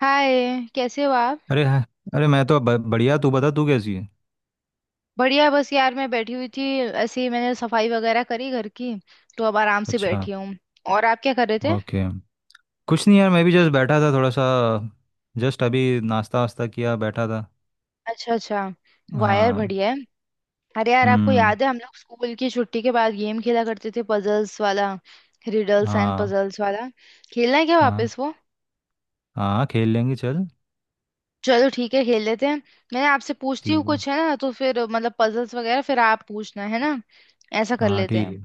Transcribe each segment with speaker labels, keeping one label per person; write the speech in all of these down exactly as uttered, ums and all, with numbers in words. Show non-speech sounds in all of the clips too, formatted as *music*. Speaker 1: हाय, कैसे हो आप?
Speaker 2: अरे हाँ। अरे मैं तो ब, बढ़िया। तू बता, तू कैसी है?
Speaker 1: बढ़िया, बस यार मैं बैठी हुई थी। ऐसे ही मैंने सफाई वगैरह करी घर की, तो अब आराम से
Speaker 2: अच्छा।
Speaker 1: बैठी हूँ। और आप क्या कर रहे थे?
Speaker 2: ओके। कुछ नहीं यार, मैं भी जस्ट बैठा था थोड़ा सा। जस्ट अभी नाश्ता वास्ता किया, बैठा था।
Speaker 1: अच्छा अच्छा, वायर
Speaker 2: हाँ।
Speaker 1: बढ़िया है। अरे यार, आपको
Speaker 2: हम्म।
Speaker 1: याद है हम लोग स्कूल की छुट्टी के बाद गेम खेला करते थे, पजल्स वाला? रिडल्स एंड
Speaker 2: हाँ।
Speaker 1: पजल्स वाला? खेलना है क्या
Speaker 2: हाँ,
Speaker 1: वापस वो?
Speaker 2: हाँ खेल लेंगे, चल।
Speaker 1: चलो ठीक है, खेल लेते हैं। मैं आपसे पूछती हूँ
Speaker 2: ठीक है।
Speaker 1: कुछ, है ना? तो फिर मतलब पजल्स वगैरह फिर आप पूछना, है ना? ऐसा कर
Speaker 2: हाँ
Speaker 1: लेते
Speaker 2: ठीक है।
Speaker 1: हैं।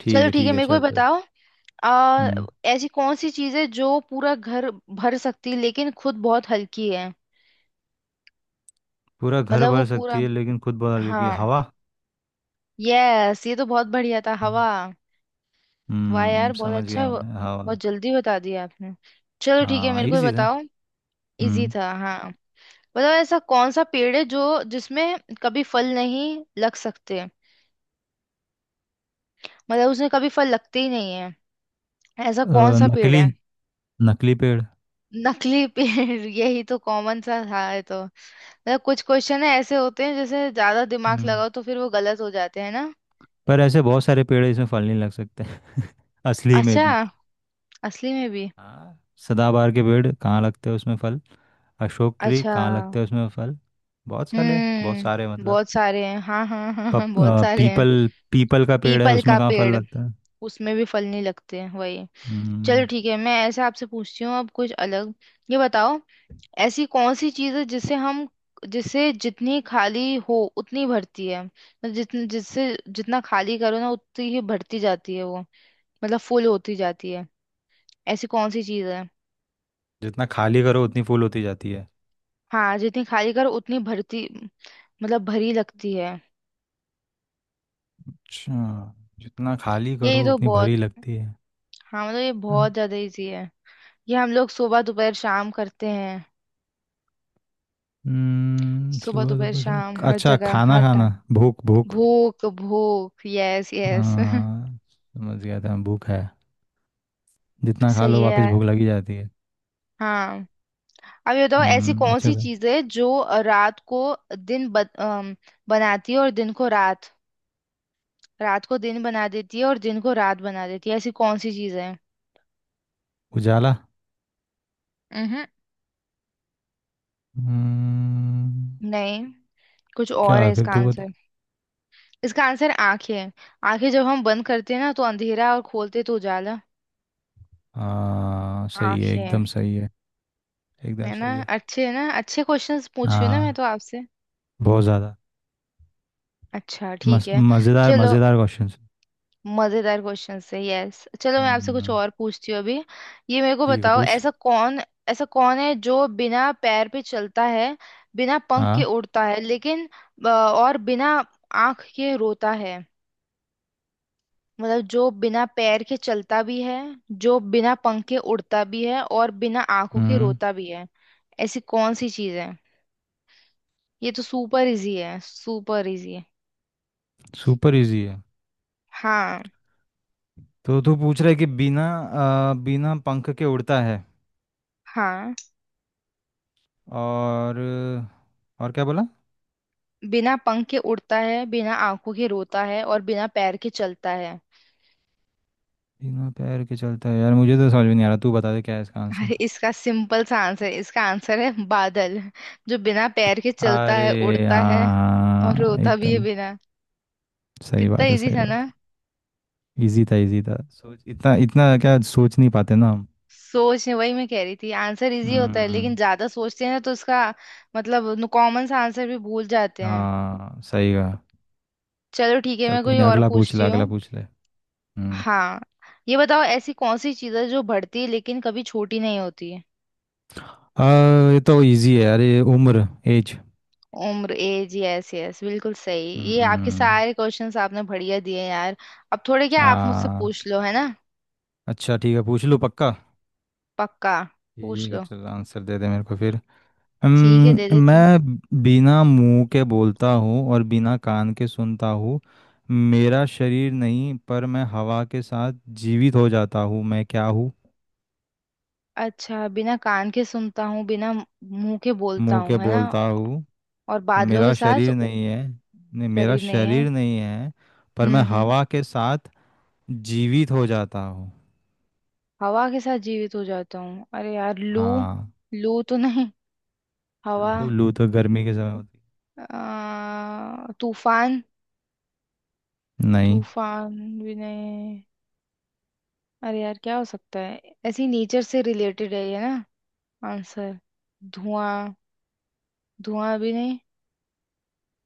Speaker 2: ठीक
Speaker 1: चलो
Speaker 2: है
Speaker 1: ठीक है,
Speaker 2: ठीक है,
Speaker 1: मेरे को भी
Speaker 2: चल फिर।
Speaker 1: बताओ। आ,
Speaker 2: हम्म।
Speaker 1: ऐसी कौन सी चीज है जो पूरा घर भर सकती है लेकिन खुद बहुत हल्की है?
Speaker 2: पूरा घर
Speaker 1: मतलब वो
Speaker 2: भर
Speaker 1: पूरा।
Speaker 2: सकती है लेकिन खुद बहुत हल्की है,
Speaker 1: हाँ।
Speaker 2: हवा।
Speaker 1: यस, ये तो बहुत बढ़िया था, हवा। वाह यार,
Speaker 2: हम्म,
Speaker 1: बहुत
Speaker 2: समझ
Speaker 1: अच्छा,
Speaker 2: गया मैं, हवा।
Speaker 1: बहुत जल्दी बता दिया आपने। चलो ठीक है,
Speaker 2: हाँ,
Speaker 1: मेरे को भी
Speaker 2: इजी था।
Speaker 1: बताओ। इजी
Speaker 2: हम्म।
Speaker 1: था, हाँ। बताओ, ऐसा कौन सा पेड़ है जो जिसमें कभी फल नहीं लग सकते? मतलब उसमें कभी फल लगते ही नहीं है। ऐसा
Speaker 2: अ,
Speaker 1: कौन सा पेड़
Speaker 2: नकली।
Speaker 1: है?
Speaker 2: नकली पेड़।
Speaker 1: नकली पेड़? *laughs* यही तो कॉमन सा था ये तो। मतलब कुछ क्वेश्चन है ऐसे होते हैं जैसे ज्यादा दिमाग
Speaker 2: हम्म,
Speaker 1: लगाओ तो फिर वो गलत हो जाते हैं ना।
Speaker 2: पर ऐसे बहुत सारे पेड़ इसमें फल नहीं लग सकते। *laughs* असली में
Speaker 1: अच्छा,
Speaker 2: भी।
Speaker 1: असली में भी?
Speaker 2: हाँ। सदाबहार के पेड़ कहाँ लगते हैं उसमें फल? अशोक ट्री
Speaker 1: अच्छा।
Speaker 2: कहाँ लगते हैं उसमें फल? बहुत सारे बहुत सारे
Speaker 1: हम्म,
Speaker 2: मतलब।
Speaker 1: बहुत सारे हैं, हाँ हाँ हाँ हाँ
Speaker 2: पप,
Speaker 1: हाँ, बहुत
Speaker 2: अ,
Speaker 1: सारे हैं।
Speaker 2: पीपल पीपल का पेड़ है,
Speaker 1: पीपल का
Speaker 2: उसमें कहाँ फल
Speaker 1: पेड़,
Speaker 2: लगता है?
Speaker 1: उसमें भी फल नहीं लगते हैं, वही। चलो
Speaker 2: हम्म।
Speaker 1: ठीक है, मैं ऐसे आपसे पूछती हूँ अब कुछ अलग। ये बताओ, ऐसी कौन सी चीज़ है जिसे हम जिसे जितनी खाली हो उतनी भरती है? मतलब जितन जिससे जितना खाली करो ना, उतनी ही भरती जाती है वो। मतलब फुल होती जाती है। ऐसी कौन सी चीज़ है?
Speaker 2: जितना खाली करो उतनी फूल होती जाती है?
Speaker 1: हाँ, जितनी खाली करो उतनी भरती। मतलब भरी लगती है।
Speaker 2: अच्छा। जितना खाली
Speaker 1: यही
Speaker 2: करो
Speaker 1: तो
Speaker 2: उतनी
Speaker 1: बहुत।
Speaker 2: भरी लगती है।
Speaker 1: हाँ, मतलब ये बहुत ज्यादा इजी है। ये हम लोग सुबह दोपहर शाम करते हैं।
Speaker 2: हम्म,
Speaker 1: सुबह
Speaker 2: सुबह
Speaker 1: दोपहर
Speaker 2: दोपहर शाम।
Speaker 1: शाम, हर
Speaker 2: अच्छा,
Speaker 1: जगह
Speaker 2: खाना
Speaker 1: हर
Speaker 2: खाना।
Speaker 1: टाइम।
Speaker 2: भूख भूख।
Speaker 1: भूख भूख, यस यस। *laughs*
Speaker 2: हाँ। समझ गया था, भूख है। जितना खा
Speaker 1: सही
Speaker 2: लो
Speaker 1: है
Speaker 2: वापस
Speaker 1: यार।
Speaker 2: भूख लगी जाती है।
Speaker 1: हाँ। अब ये बताओ, ऐसी
Speaker 2: हम्म,
Speaker 1: कौन
Speaker 2: अच्छा
Speaker 1: सी
Speaker 2: था।
Speaker 1: चीज है जो रात को दिन ब, अम, बनाती है और दिन को रात? रात को दिन बना देती है और दिन को रात बना देती है, ऐसी कौन सी चीज है?
Speaker 2: उजाला।
Speaker 1: हम्म,
Speaker 2: हम्म।
Speaker 1: नहीं। कुछ और
Speaker 2: क्या
Speaker 1: है
Speaker 2: है फिर,
Speaker 1: इसका
Speaker 2: तू बता।
Speaker 1: आंसर। इसका आंसर आंखें है। आंखें, जब हम बंद करते हैं ना तो अंधेरा, और खोलते हैं तो उजाला।
Speaker 2: हाँ, सही है,
Speaker 1: आंखें।
Speaker 2: एकदम सही है। एकदम
Speaker 1: है ना?
Speaker 2: सही है।
Speaker 1: अच्छे है ना, अच्छे क्वेश्चंस पूछ रही हूँ ना मैं
Speaker 2: हाँ।
Speaker 1: तो आपसे।
Speaker 2: बहुत ज़्यादा।
Speaker 1: अच्छा ठीक
Speaker 2: मस-
Speaker 1: है।
Speaker 2: मज़ेदार
Speaker 1: चलो,
Speaker 2: मज़ेदार क्वेश्चन।
Speaker 1: मजेदार क्वेश्चन है, यस। चलो, मैं आपसे कुछ
Speaker 2: हम्म।
Speaker 1: और पूछती हूँ अभी। ये मेरे को
Speaker 2: ठीक है,
Speaker 1: बताओ,
Speaker 2: पूछ।
Speaker 1: ऐसा कौन? ऐसा कौन है जो बिना पैर पे चलता है, बिना पंख के
Speaker 2: हाँ।
Speaker 1: उड़ता है, लेकिन अ, और बिना आंख के रोता है? मतलब जो बिना पैर के चलता भी है, जो बिना पंख के उड़ता भी है, और बिना आंखों के
Speaker 2: हम्म।
Speaker 1: रोता भी है। ऐसी कौन सी चीज है? ये तो सुपर इजी है, सुपर इजी है।
Speaker 2: सुपर इजी है।
Speaker 1: हाँ।
Speaker 2: तो तू पूछ रहा है कि बिना अ, बिना पंख के उड़ता है
Speaker 1: हाँ,
Speaker 2: और और क्या बोला?
Speaker 1: बिना पंख के उड़ता है, बिना आंखों के रोता है, और बिना पैर के चलता है।
Speaker 2: बिना पैर के चलता है, यार मुझे तो समझ में नहीं आ रहा, तू बता दे क्या है इसका आंसर।
Speaker 1: अरे, इसका सिंपल सा आंसर, इसका आंसर है बादल। जो बिना पैर के चलता है,
Speaker 2: अरे
Speaker 1: उड़ता है, और
Speaker 2: हाँ
Speaker 1: रोता भी है
Speaker 2: एकदम।
Speaker 1: बिना।
Speaker 2: सही
Speaker 1: कितना
Speaker 2: बात है,
Speaker 1: इजी
Speaker 2: सही
Speaker 1: था
Speaker 2: बात।
Speaker 1: ना।
Speaker 2: इजी था, इजी था। सोच इतना इतना क्या, सोच नहीं पाते ना हम।
Speaker 1: सोच, वही मैं कह रही थी, आंसर इजी होता है
Speaker 2: हम्म।
Speaker 1: लेकिन ज्यादा सोचते हैं ना तो इसका मतलब कॉमन सा आंसर भी भूल जाते हैं।
Speaker 2: हाँ सही कहा।
Speaker 1: चलो ठीक है,
Speaker 2: चल
Speaker 1: मैं
Speaker 2: कोई
Speaker 1: कोई
Speaker 2: नहीं,
Speaker 1: और
Speaker 2: अगला पूछ ले,
Speaker 1: पूछती हूँ।
Speaker 2: अगला पूछ ले। हम्म।
Speaker 1: हाँ, ये बताओ, ऐसी कौन सी चीज़ है जो बढ़ती है लेकिन कभी छोटी नहीं होती है?
Speaker 2: आ, ये तो इजी है यार, ये उम्र, एज।
Speaker 1: उम्र, एज, यस यस, बिल्कुल सही। ये आपके
Speaker 2: हम्म।
Speaker 1: सारे क्वेश्चंस आपने बढ़िया दिए हैं यार। अब थोड़े क्या आप मुझसे
Speaker 2: हाँ।
Speaker 1: पूछ लो, है ना?
Speaker 2: अच्छा ठीक है, पूछ लो पक्का।
Speaker 1: पक्का। पूछ
Speaker 2: ठीक है
Speaker 1: लो।
Speaker 2: चल, आंसर दे दे मेरे को फिर।
Speaker 1: ठीक है, दे
Speaker 2: हम्म,
Speaker 1: देती हूँ।
Speaker 2: मैं। बिना मुंह के बोलता हूँ और बिना कान के सुनता हूँ। मेरा शरीर नहीं पर मैं हवा के साथ जीवित हो जाता हूँ। मैं क्या हूँ?
Speaker 1: अच्छा, बिना कान के सुनता हूँ, बिना मुंह के बोलता
Speaker 2: मुंह के
Speaker 1: हूँ, है ना?
Speaker 2: बोलता हूँ।
Speaker 1: और
Speaker 2: और
Speaker 1: बादलों के
Speaker 2: मेरा
Speaker 1: साथ।
Speaker 2: शरीर नहीं है, नहीं मेरा
Speaker 1: शरीर नहीं है।
Speaker 2: शरीर नहीं है। पर मैं
Speaker 1: हम्म हम्म
Speaker 2: हवा के साथ जीवित हो जाता हूँ।
Speaker 1: हवा के साथ जीवित हो जाता हूँ। अरे यार, लू?
Speaker 2: हाँ।
Speaker 1: लू तो नहीं। हवा।
Speaker 2: लू लू तो गर्मी के समय होती
Speaker 1: अ, तूफान?
Speaker 2: है। नहीं।
Speaker 1: तूफान भी नहीं। अरे यार, क्या हो सकता है? ऐसी नेचर से रिलेटेड है ये ना, आंसर? धुआं? धुआं भी नहीं।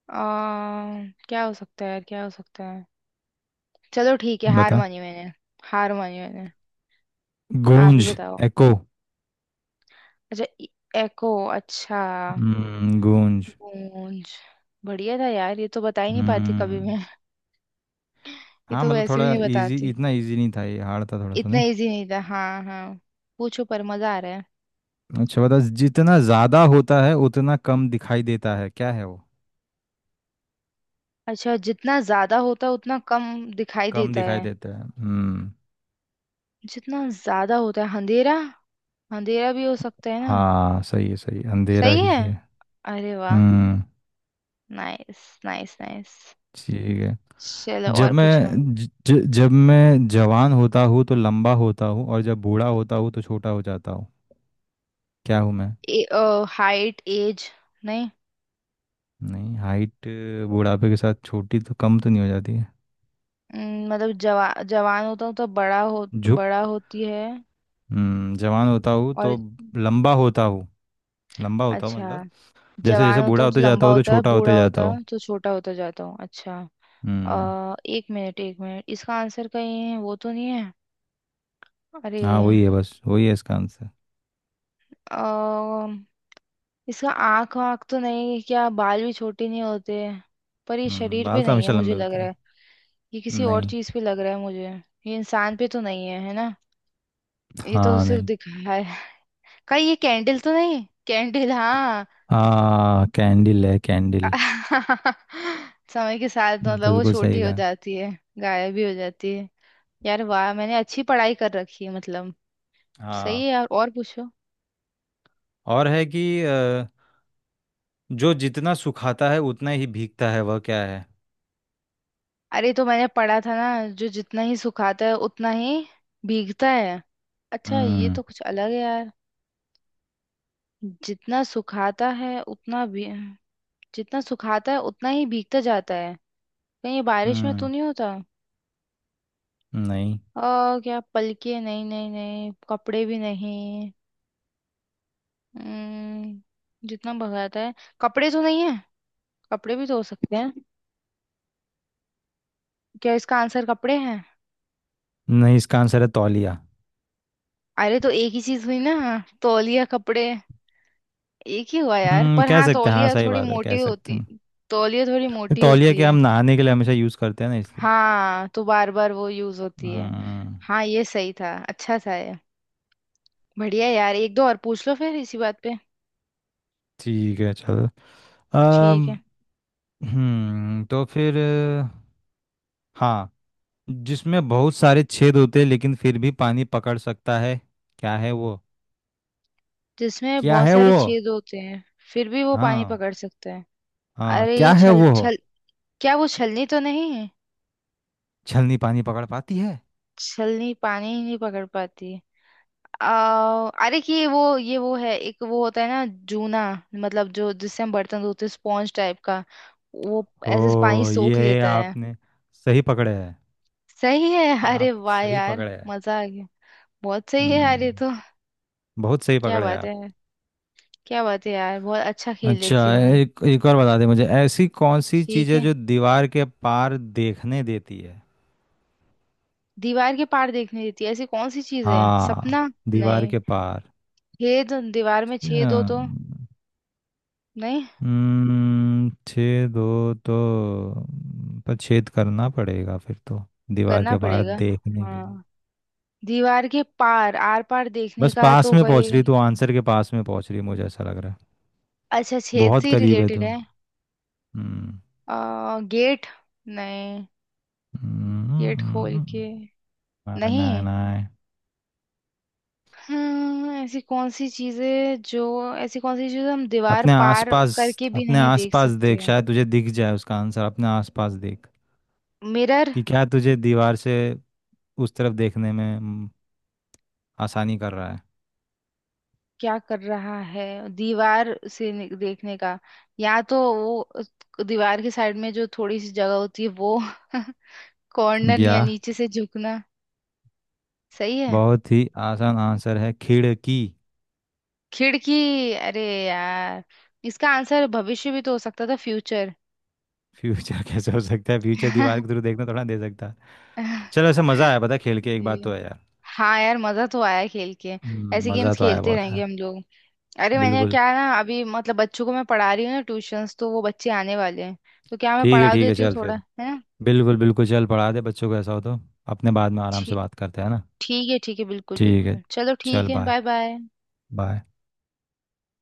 Speaker 1: आ, क्या हो सकता है यार, क्या हो सकता है? चलो ठीक है, हार
Speaker 2: बता।
Speaker 1: मानी मैंने। हार मानी मैंने। आप ही
Speaker 2: गूंज।
Speaker 1: बताओ।
Speaker 2: एको।
Speaker 1: अच्छा, एको, अच्छा।
Speaker 2: हम्म, गूंज।
Speaker 1: पूंछ। बढ़िया था यार, ये तो बता ही नहीं पाती कभी
Speaker 2: हम्म।
Speaker 1: मैं। *laughs* ये
Speaker 2: हाँ
Speaker 1: तो
Speaker 2: मतलब
Speaker 1: वैसे भी
Speaker 2: थोड़ा
Speaker 1: नहीं
Speaker 2: इजी,
Speaker 1: बताती।
Speaker 2: इतना इजी नहीं था ये, हार्ड था थोड़ा सा,
Speaker 1: इतना
Speaker 2: नहीं।
Speaker 1: इजी नहीं था, हाँ हाँ। पूछो, पर मजा आ रहा है।
Speaker 2: अच्छा बता, जितना ज़्यादा होता है उतना कम दिखाई देता है, क्या है वो?
Speaker 1: अच्छा, जितना ज्यादा होता है उतना कम दिखाई
Speaker 2: कम
Speaker 1: देता
Speaker 2: दिखाई
Speaker 1: है।
Speaker 2: देता है, हम्म।
Speaker 1: जितना ज्यादा होता है अंधेरा, अंधेरा भी हो सकता है ना।
Speaker 2: हाँ सही है, सही है, अंधेरा
Speaker 1: सही
Speaker 2: ही
Speaker 1: है।
Speaker 2: है।
Speaker 1: अरे वाह,
Speaker 2: हम्म।
Speaker 1: Nice nice nice.
Speaker 2: ठीक है।
Speaker 1: चलो,
Speaker 2: जब
Speaker 1: और पूछो।
Speaker 2: मैं ज, ज- जब मैं जवान होता हूँ तो लंबा होता हूँ, और जब बूढ़ा होता हूँ तो छोटा हो जाता हूँ। क्या हूँ मैं?
Speaker 1: ए, हाइट एज? नहीं।
Speaker 2: नहीं हाइट। बुढ़ापे के साथ छोटी तो कम तो नहीं हो जाती है।
Speaker 1: अम, मतलब जवा जवान होता हूँ तो बड़ा हो,
Speaker 2: झुक।
Speaker 1: बड़ा होती है
Speaker 2: हम्म, जवान होता हूँ
Speaker 1: और।
Speaker 2: तो लंबा होता हूँ। लंबा होता हूँ
Speaker 1: अच्छा,
Speaker 2: मतलब, जैसे
Speaker 1: जवान
Speaker 2: जैसे
Speaker 1: होता
Speaker 2: बूढ़ा
Speaker 1: हूँ तो
Speaker 2: होते जाता
Speaker 1: लंबा
Speaker 2: हूँ तो
Speaker 1: होता है,
Speaker 2: छोटा होते
Speaker 1: बूढ़ा
Speaker 2: जाता
Speaker 1: होता
Speaker 2: हूँ।
Speaker 1: है तो छोटा होता जाता हूँ, अच्छा।
Speaker 2: हम्म।
Speaker 1: अ, एक मिनट एक मिनट, इसका आंसर कहीं वो तो नहीं है? अरे।
Speaker 2: हाँ वही है, बस वही है इसका आंसर।
Speaker 1: अ, इसका आँख वाँख तो नहीं है? क्या बाल भी छोटे नहीं होते? पर ये
Speaker 2: हम्म।
Speaker 1: शरीर पे
Speaker 2: बाल तो
Speaker 1: नहीं है
Speaker 2: हमेशा
Speaker 1: मुझे
Speaker 2: लंबे
Speaker 1: लग
Speaker 2: होते
Speaker 1: रहा
Speaker 2: हैं।
Speaker 1: है। ये किसी और
Speaker 2: नहीं।
Speaker 1: चीज पे लग रहा है मुझे। ये इंसान पे तो नहीं है, है ना? ये तो
Speaker 2: हाँ
Speaker 1: सिर्फ
Speaker 2: नहीं।
Speaker 1: दिखाया है। *laughs* कहीं ये कैंडल तो नहीं? कैंडल, हाँ।
Speaker 2: हाँ कैंडल है, कैंडल।
Speaker 1: *laughs* समय के साथ मतलब वो
Speaker 2: बिल्कुल
Speaker 1: छोटी
Speaker 2: सही
Speaker 1: हो
Speaker 2: कहा।
Speaker 1: जाती है, गायब भी हो जाती है। यार वाह, मैंने अच्छी पढ़ाई कर रखी है मतलब। सही
Speaker 2: हाँ।
Speaker 1: है यार, और पूछो।
Speaker 2: और है कि अ, जो जितना सुखाता है उतना ही भीगता है, वह क्या है?
Speaker 1: अरे, तो मैंने पढ़ा था ना, जो जितना ही सुखाता है उतना ही भीगता है। अच्छा, ये
Speaker 2: हम्म।
Speaker 1: तो कुछ अलग है यार। जितना सुखाता है उतना भी, जितना सुखाता है उतना ही भीगता जाता है। कहीं ये बारिश में तो
Speaker 2: हम्म।
Speaker 1: नहीं होता?
Speaker 2: नहीं।
Speaker 1: आ, क्या पलके? नहीं नहीं नहीं, कपड़े भी नहीं। हम्म, जितना भगाता है। कपड़े तो नहीं है। कपड़े भी धो सकते हैं। क्या इसका आंसर कपड़े हैं?
Speaker 2: नहीं इसका आंसर है तौलिया।
Speaker 1: अरे तो एक ही चीज हुई ना, हाँ, तौलिया कपड़े एक ही हुआ यार।
Speaker 2: हम्म,
Speaker 1: पर
Speaker 2: कह
Speaker 1: हाँ,
Speaker 2: सकते हैं, हाँ
Speaker 1: तौलिया
Speaker 2: सही
Speaker 1: थोड़ी
Speaker 2: बात है, कह
Speaker 1: मोटी
Speaker 2: सकते
Speaker 1: होती।
Speaker 2: हैं।
Speaker 1: तौलिया थोड़ी
Speaker 2: ये
Speaker 1: मोटी
Speaker 2: तौलिया
Speaker 1: होती
Speaker 2: के
Speaker 1: है।
Speaker 2: हम नहाने के लिए हमेशा यूज करते हैं ना, इसलिए।
Speaker 1: हाँ, तो बार बार वो यूज होती है।
Speaker 2: हम्म।
Speaker 1: हाँ, ये सही था, अच्छा था ये। बढ़िया यार, एक दो और पूछ लो फिर इसी बात पे।
Speaker 2: ठीक है चलो। अम
Speaker 1: ठीक है।
Speaker 2: हम्म, तो फिर अ, हाँ, जिसमें बहुत सारे छेद होते हैं लेकिन फिर भी पानी पकड़ सकता है, क्या है वो?
Speaker 1: जिसमें
Speaker 2: क्या
Speaker 1: बहुत
Speaker 2: है
Speaker 1: सारे
Speaker 2: वो?
Speaker 1: छेद होते हैं, फिर भी वो पानी
Speaker 2: हाँ।
Speaker 1: पकड़ सकते हैं?
Speaker 2: हाँ
Speaker 1: अरे,
Speaker 2: क्या
Speaker 1: ये
Speaker 2: है
Speaker 1: छल
Speaker 2: वो?
Speaker 1: छल क्या वो छलनी तो नहीं?
Speaker 2: छलनी पानी पकड़ पाती है?
Speaker 1: छलनी पानी ही नहीं पकड़ पाती। आ, अरे कि ये वो, ये वो है, एक वो होता है ना, जूना, मतलब जो जिससे हम बर्तन धोते हैं, स्पॉन्ज टाइप का, वो ऐसे पानी
Speaker 2: ओ,
Speaker 1: सोख
Speaker 2: ये
Speaker 1: लेता है।
Speaker 2: आपने सही पकड़े हैं।
Speaker 1: सही है। *laughs* अरे
Speaker 2: आप
Speaker 1: वाह
Speaker 2: सही
Speaker 1: यार,
Speaker 2: पकड़े हैं।
Speaker 1: मजा आ गया। बहुत सही है यार
Speaker 2: हम्म।
Speaker 1: ये तो।
Speaker 2: बहुत सही
Speaker 1: क्या
Speaker 2: पकड़े हैं
Speaker 1: बात
Speaker 2: आप।
Speaker 1: है, क्या बात है यार, बहुत अच्छा खेल
Speaker 2: अच्छा
Speaker 1: लेती हूँ मैं।
Speaker 2: एक एक और बता दे मुझे, ऐसी कौन सी चीज़
Speaker 1: ठीक
Speaker 2: है
Speaker 1: है।
Speaker 2: जो दीवार के पार देखने देती है?
Speaker 1: दीवार के पार देखने देती है, ऐसी कौन सी चीज है? सपना?
Speaker 2: हाँ दीवार
Speaker 1: नहीं।
Speaker 2: के पार।
Speaker 1: छेद, दीवार में
Speaker 2: अच्छा।
Speaker 1: छेद हो तो? नहीं,
Speaker 2: हम्म, छः दो तो। हम्म, पर छेद करना पड़ेगा फिर तो, दीवार
Speaker 1: करना
Speaker 2: के पार
Speaker 1: पड़ेगा।
Speaker 2: देखने के लिए।
Speaker 1: हाँ। दीवार के पार आर पार देखने
Speaker 2: बस
Speaker 1: का
Speaker 2: पास
Speaker 1: तो
Speaker 2: में पहुंच
Speaker 1: कोई।
Speaker 2: रही तू, आंसर के पास में पहुंच रही, मुझे ऐसा लग रहा है।
Speaker 1: अच्छा, छेद
Speaker 2: बहुत
Speaker 1: से
Speaker 2: करीब है
Speaker 1: रिलेटेड
Speaker 2: तू।
Speaker 1: है?
Speaker 2: हम्म।
Speaker 1: आ, गेट? नहीं, गेट खोल
Speaker 2: हम्म,
Speaker 1: के।
Speaker 2: ना ना
Speaker 1: नहीं।
Speaker 2: ना।
Speaker 1: हम्म, ऐसी कौन सी चीजें जो, ऐसी कौन सी चीजें हम दीवार
Speaker 2: अपने
Speaker 1: पार
Speaker 2: आसपास।
Speaker 1: करके भी
Speaker 2: अपने
Speaker 1: नहीं देख
Speaker 2: आसपास
Speaker 1: सकते
Speaker 2: देख,
Speaker 1: हैं?
Speaker 2: शायद तुझे दिख जाए उसका आंसर, अपने आसपास देख,
Speaker 1: मिरर?
Speaker 2: कि क्या तुझे दीवार से उस तरफ देखने में हम्म, आसानी कर रहा है।
Speaker 1: क्या कर रहा है दीवार से नि- देखने का? या तो वो उस- दीवार के साइड में जो थोड़ी सी जगह होती है वो *laughs* कॉर्नर,
Speaker 2: या
Speaker 1: या नीचे से झुकना। सही है।
Speaker 2: बहुत ही आसान आंसर है, खिड़की।
Speaker 1: खिड़की? अरे यार। इसका आंसर भविष्य भी तो हो सकता था, फ्यूचर।
Speaker 2: फ्यूचर? *laughs* कैसे हो सकता है फ्यूचर? दीवार के
Speaker 1: *laughs*
Speaker 2: थ्रू देखना थोड़ा दे सकता है। चलो, ऐसा मज़ा आया पता है, खेल के, एक बात तो है यार।
Speaker 1: हाँ यार, मजा तो आया खेल के।
Speaker 2: हम्म,
Speaker 1: ऐसे
Speaker 2: मज़ा
Speaker 1: गेम्स
Speaker 2: तो आया
Speaker 1: खेलते
Speaker 2: बहुत
Speaker 1: रहेंगे
Speaker 2: है।
Speaker 1: हम लोग। अरे मैंने
Speaker 2: बिल्कुल।
Speaker 1: क्या ना, अभी मतलब बच्चों को मैं पढ़ा रही हूँ ना, ट्यूशंस, तो वो बच्चे आने वाले हैं, तो क्या मैं
Speaker 2: ठीक है
Speaker 1: पढ़ा
Speaker 2: ठीक है,
Speaker 1: देती हूँ
Speaker 2: चल
Speaker 1: थोड़ा,
Speaker 2: फिर।
Speaker 1: है ना?
Speaker 2: बिल्कुल बिल्कुल, चल पढ़ा दे बच्चों को, ऐसा हो तो अपने बाद में आराम से
Speaker 1: ठी-
Speaker 2: बात करते हैं ना।
Speaker 1: ठीक है ठीक है, बिल्कुल
Speaker 2: ठीक है।
Speaker 1: बिल्कुल, चलो ठीक
Speaker 2: चल
Speaker 1: है,
Speaker 2: बाय।
Speaker 1: Bye bye.
Speaker 2: बाय।